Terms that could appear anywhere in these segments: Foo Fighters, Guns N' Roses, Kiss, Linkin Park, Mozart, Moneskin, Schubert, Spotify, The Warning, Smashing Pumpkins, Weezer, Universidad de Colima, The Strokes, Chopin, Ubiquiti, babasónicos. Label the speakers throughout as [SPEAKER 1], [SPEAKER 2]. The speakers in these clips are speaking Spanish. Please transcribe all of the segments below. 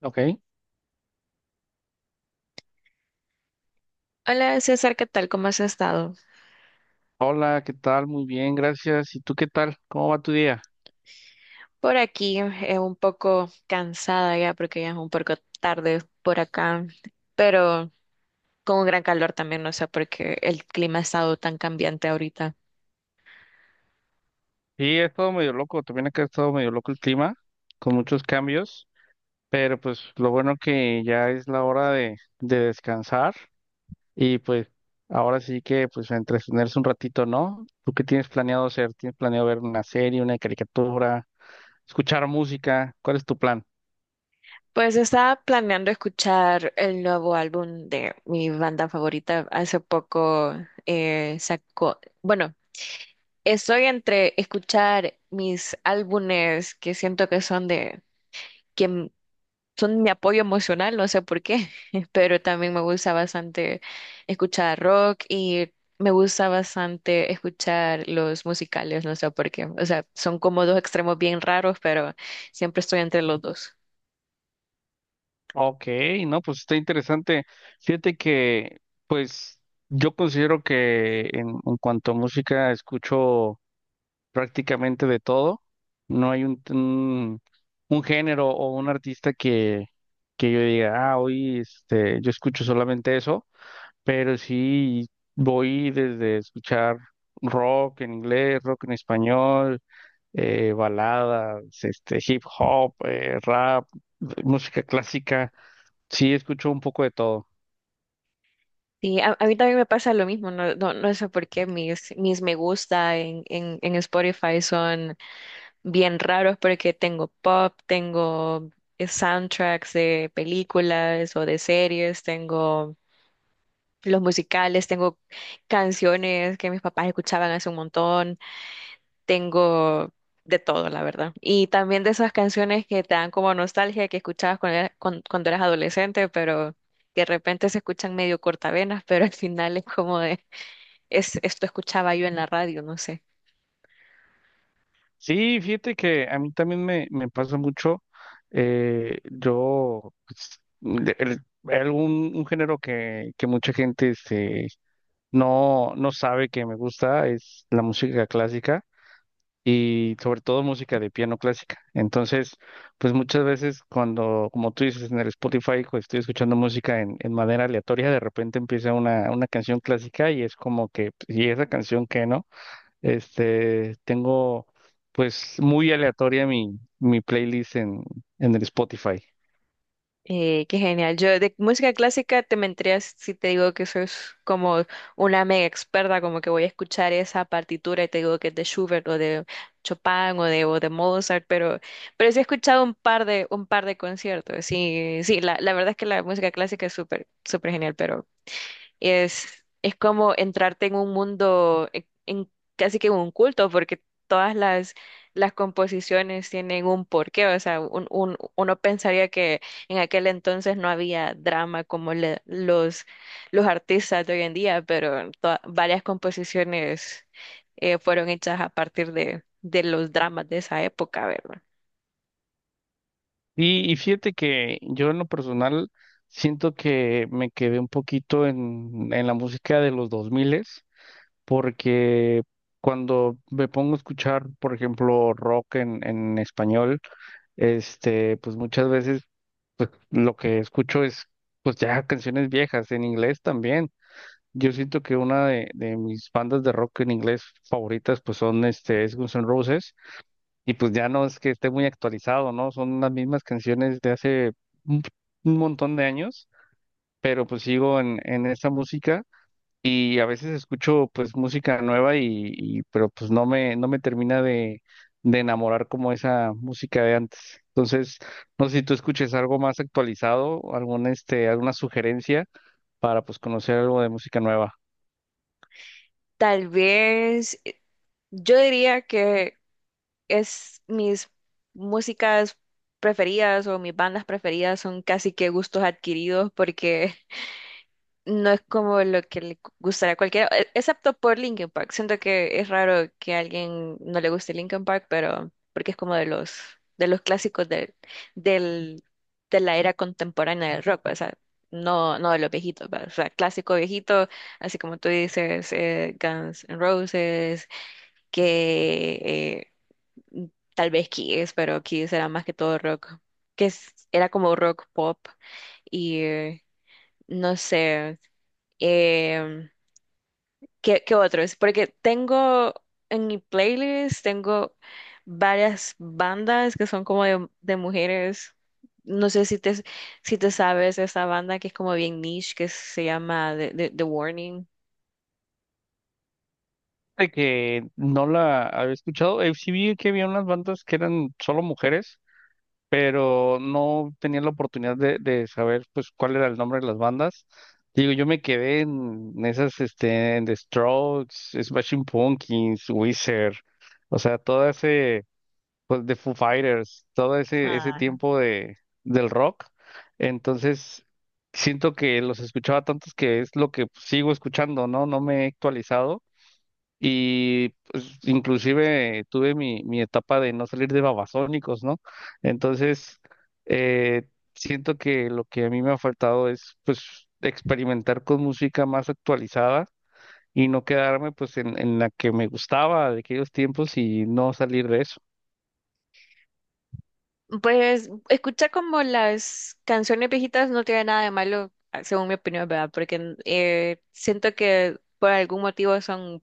[SPEAKER 1] Ok.
[SPEAKER 2] Hola César, ¿qué tal? ¿Cómo has estado?
[SPEAKER 1] Hola, ¿qué tal? Muy bien, gracias. ¿Y tú qué tal? ¿Cómo va tu día?
[SPEAKER 2] Por aquí un poco cansada ya porque ya es un poco tarde por acá, pero con un gran calor también, no sé por qué el clima ha estado tan cambiante ahorita.
[SPEAKER 1] Sí, ha estado medio loco. También acá ha estado medio loco el clima, con muchos cambios. Pero pues lo bueno que ya es la hora de descansar. Y pues ahora sí que pues a entretenerse un ratito, ¿no? ¿Tú qué tienes planeado hacer? ¿Tienes planeado ver una serie, una caricatura, escuchar música? ¿Cuál es tu plan?
[SPEAKER 2] Pues estaba planeando escuchar el nuevo álbum de mi banda favorita. Hace poco sacó, bueno, estoy entre escuchar mis álbumes que siento que son de son mi apoyo emocional, no sé por qué, pero también me gusta bastante escuchar rock y me gusta bastante escuchar los musicales, no sé por qué. O sea, son como dos extremos bien raros, pero siempre estoy entre los dos.
[SPEAKER 1] Ok, no, pues está interesante. Fíjate que, pues, yo considero que en cuanto a música escucho prácticamente de todo. No hay un género o un artista que yo diga, ah, hoy yo escucho solamente eso, pero sí voy desde escuchar rock en inglés, rock en español, baladas, hip hop, rap, música clásica. Sí, escucho un poco de todo.
[SPEAKER 2] Sí, a mí también me pasa lo mismo, no, no sé por qué mis, mis me gusta en Spotify son bien raros porque tengo pop, tengo soundtracks de películas o de series, tengo los musicales, tengo canciones que mis papás escuchaban hace un montón, tengo de todo, la verdad. Y también de esas canciones que te dan como nostalgia que escuchabas cuando cuando eras adolescente, pero que de repente se escuchan medio cortavenas, pero al final es como de, es, esto escuchaba yo en la radio, no sé.
[SPEAKER 1] Sí, fíjate que a mí también me pasa mucho. Yo, pues, de- el- algún un género que mucha gente no, no sabe que me gusta es la música clásica y sobre todo música de piano clásica. Entonces, pues muchas veces cuando, como tú dices, en el Spotify, pues, estoy escuchando música en manera aleatoria, de repente empieza una canción clásica y es como que, pues, ¿y esa canción qué, no? Tengo pues muy aleatoria mi playlist en el Spotify.
[SPEAKER 2] Qué genial. Yo de música clásica te mentirías si te digo que sos como una mega experta, como que voy a escuchar esa partitura y te digo que es de Schubert o de Chopin o de Mozart, pero sí he escuchado un par de conciertos. Sí, sí, la verdad es que la música clásica es súper, súper genial, es como entrarte en un mundo, en casi que en un culto, porque todas las composiciones tienen un porqué. O sea, uno pensaría que en aquel entonces no había drama como los artistas de hoy en día, pero varias composiciones fueron hechas a partir de los dramas de esa época, ¿verdad?
[SPEAKER 1] Y fíjate que yo en lo personal siento que me quedé un poquito en la música de los 2000 porque cuando me pongo a escuchar, por ejemplo, rock en español, pues muchas veces pues, lo que escucho es pues ya canciones viejas en inglés también. Yo siento que una de mis bandas de rock en inglés favoritas pues son este es Guns N' Roses y pues ya no es que esté muy actualizado, ¿no? Son las mismas canciones de hace un, un montón de años, pero pues sigo en esa música y a veces escucho pues música nueva pero pues no me termina de enamorar como esa música de antes. Entonces, no sé si tú escuches algo más actualizado, algún este alguna sugerencia para pues conocer algo de música nueva.
[SPEAKER 2] Tal vez yo diría es mis músicas preferidas o mis bandas preferidas son casi que gustos adquiridos porque no es como lo que le gustará a cualquiera, excepto por Linkin Park. Siento que es raro que a alguien no le guste Linkin Park, pero porque es como de los clásicos del del de la era contemporánea del rock, o sea, no de los viejitos, ¿va? O sea, clásico viejito, así como tú dices, Guns N' Roses, que mm, tal vez Kiss, pero Kiss era más que todo rock, que era como rock pop y no sé, em, ¿qué, qué otros? Porque tengo en mi playlist, tengo varias bandas que son como de mujeres. No sé si si te sabes esa banda que es como bien niche, que se llama The Warning.
[SPEAKER 1] De que no la había escuchado. Sí vi que había unas bandas que eran solo mujeres, pero no tenía la oportunidad de saber pues cuál era el nombre de las bandas. Digo, yo me quedé en esas, en The Strokes, Smashing Pumpkins, Weezer, o sea, todo ese, pues, de Foo Fighters, todo ese, ese tiempo de, del rock. Entonces, siento que los escuchaba tantos que es lo que sigo escuchando, ¿no? No me he actualizado y pues, inclusive tuve mi etapa de no salir de babasónicos, ¿no? Entonces, eh, siento que lo que a mí me ha faltado es pues experimentar con música más actualizada y no quedarme pues en la que me gustaba de aquellos tiempos y no salir de eso.
[SPEAKER 2] Pues escuchar como las canciones viejitas no tiene nada de malo, ah, según mi opinión, ¿verdad? Porque siento que por algún motivo son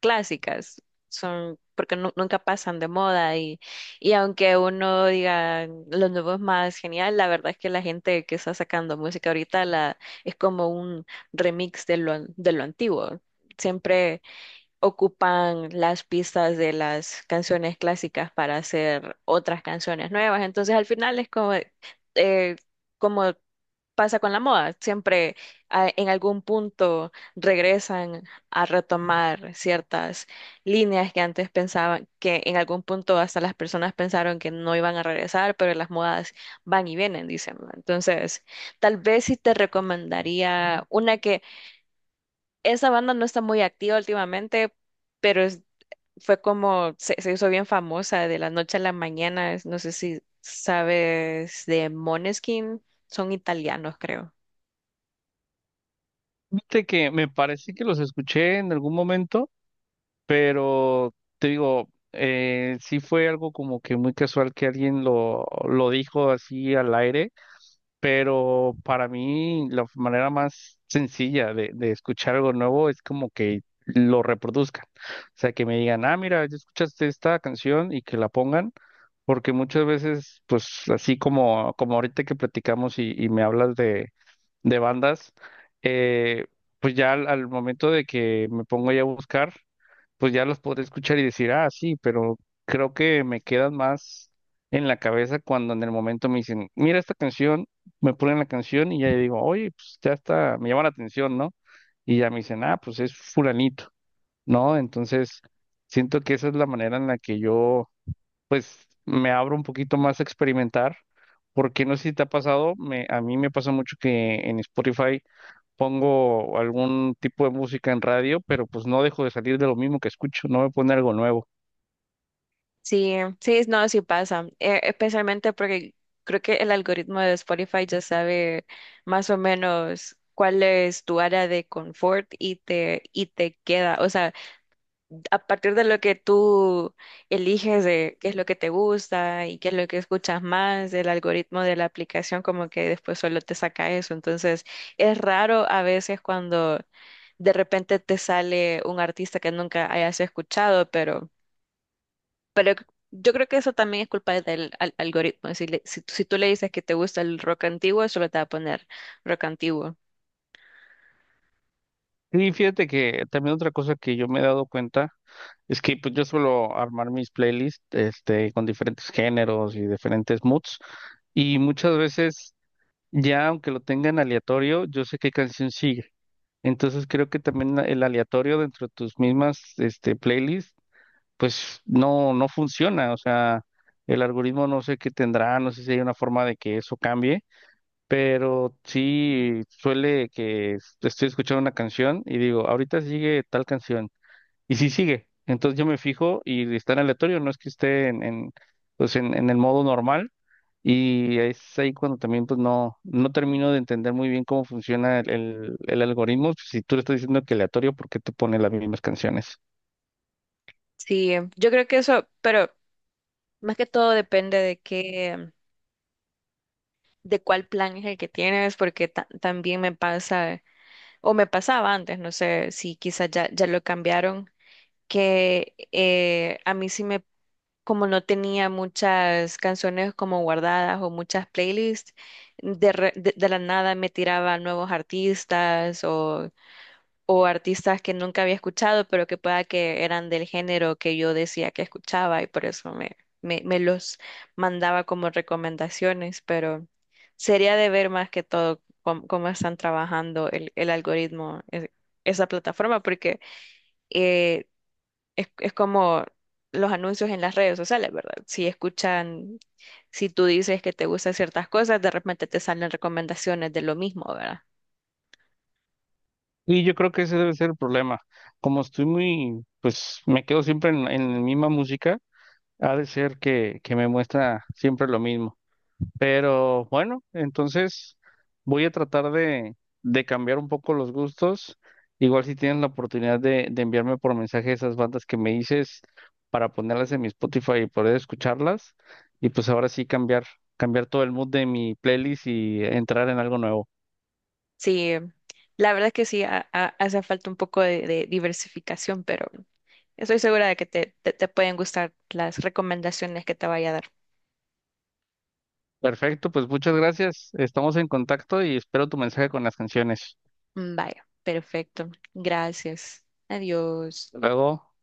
[SPEAKER 2] clásicas, son porque nunca pasan de moda y aunque uno diga lo nuevo es más genial, la verdad es que la gente que está sacando música ahorita la, es como un remix de lo antiguo. Siempre ocupan las pistas de las canciones clásicas para hacer otras canciones nuevas. Entonces al final es como, eh, como pasa con la moda, siempre ah, en algún punto regresan a retomar ciertas líneas que antes pensaban, que en algún punto hasta las personas pensaron que no iban a regresar, pero las modas van y vienen, dicen, ¿no? Entonces, tal vez sí te recomendaría una que esa banda no está muy activa últimamente, pero es fue como, se hizo bien famosa de la noche a la mañana. No sé si sabes de Moneskin, son italianos, creo.
[SPEAKER 1] Fíjate que me parece que los escuché en algún momento, pero te digo, sí fue algo como que muy casual que alguien lo dijo así al aire. Pero para mí la manera más sencilla de escuchar algo nuevo es como que lo reproduzcan. O sea, que me digan, ah, mira, ya escuchaste esta canción y que la pongan, porque muchas veces, pues así como, como ahorita que platicamos y me hablas de bandas, eh, pues ya al momento de que me pongo ya a buscar pues ya los podré escuchar y decir, ah, sí, pero creo que me quedan más en la cabeza cuando en el momento me dicen, mira esta canción, me ponen la canción y ya yo digo, oye, pues ya está, me llama la atención, ¿no? Y ya me dicen, ah, pues es fulanito, ¿no? Entonces, siento que esa es la manera en la que yo, pues, me abro un poquito más a experimentar, porque no sé si te ha pasado, a mí me pasa mucho que en Spotify pongo algún tipo de música en radio, pero pues no dejo de salir de lo mismo que escucho, no me pone algo nuevo.
[SPEAKER 2] Sí, sí, no, sí pasa. Especialmente porque creo que el algoritmo de Spotify ya sabe más o menos cuál es tu área de confort y y te queda. O sea, a partir de lo que tú eliges de qué es lo que te gusta y qué es lo que escuchas más, el algoritmo de la aplicación como que después solo te saca eso. Entonces, es raro a veces cuando de repente te sale un artista que nunca hayas escuchado, pero yo creo que eso también es culpa del algoritmo. Si, si tú le dices que te gusta el rock antiguo, solo te va a poner rock antiguo.
[SPEAKER 1] Y fíjate que también otra cosa que yo me he dado cuenta es que pues yo suelo armar mis playlists con diferentes géneros y diferentes moods y muchas veces ya aunque lo tenga en aleatorio, yo sé qué canción sigue. Entonces creo que también el aleatorio dentro de tus mismas playlists pues no, no funciona, o sea, el algoritmo no sé qué tendrá, no sé si hay una forma de que eso cambie. Pero sí suele que estoy escuchando una canción y digo, ahorita sigue tal canción. Y sí sigue. Entonces yo me fijo y está en aleatorio, no es que esté pues en el modo normal. Y es ahí cuando también pues no, no termino de entender muy bien cómo funciona el algoritmo. Pues, si tú le estás diciendo que aleatorio, ¿por qué te pone las mismas canciones?
[SPEAKER 2] Sí, yo creo que eso, pero más que todo depende de qué, de cuál plan es el que tienes, porque también me pasa, o me pasaba antes, no sé si quizás ya, ya lo cambiaron, que a mí sí me, como no tenía muchas canciones como guardadas o muchas playlists, de la nada me tiraba nuevos artistas o artistas que nunca había escuchado, pero que pueda que eran del género que yo decía que escuchaba y por eso me los mandaba como recomendaciones, pero sería de ver más que todo cómo, cómo están trabajando el algoritmo, esa plataforma, porque eh, es como los anuncios en las redes sociales, ¿verdad? Si escuchan, si tú dices que te gustan ciertas cosas, de repente te salen recomendaciones de lo mismo, ¿verdad?
[SPEAKER 1] Y yo creo que ese debe ser el problema. Como estoy muy, pues me quedo siempre en la misma música. Ha de ser que me muestra siempre lo mismo. Pero bueno, entonces voy a tratar de cambiar un poco los gustos. Igual si tienes la oportunidad de enviarme por mensaje esas bandas que me dices para ponerlas en mi Spotify y poder escucharlas. Y pues ahora sí cambiar, cambiar todo el mood de mi playlist y entrar en algo nuevo.
[SPEAKER 2] Sí, la verdad que sí, hace falta un poco de diversificación, pero estoy segura de que te pueden gustar las recomendaciones que te vaya a dar.
[SPEAKER 1] Perfecto, pues muchas gracias. Estamos en contacto y espero tu mensaje con las canciones.
[SPEAKER 2] Mm, vaya, perfecto. Gracias. Adiós.
[SPEAKER 1] Hasta luego.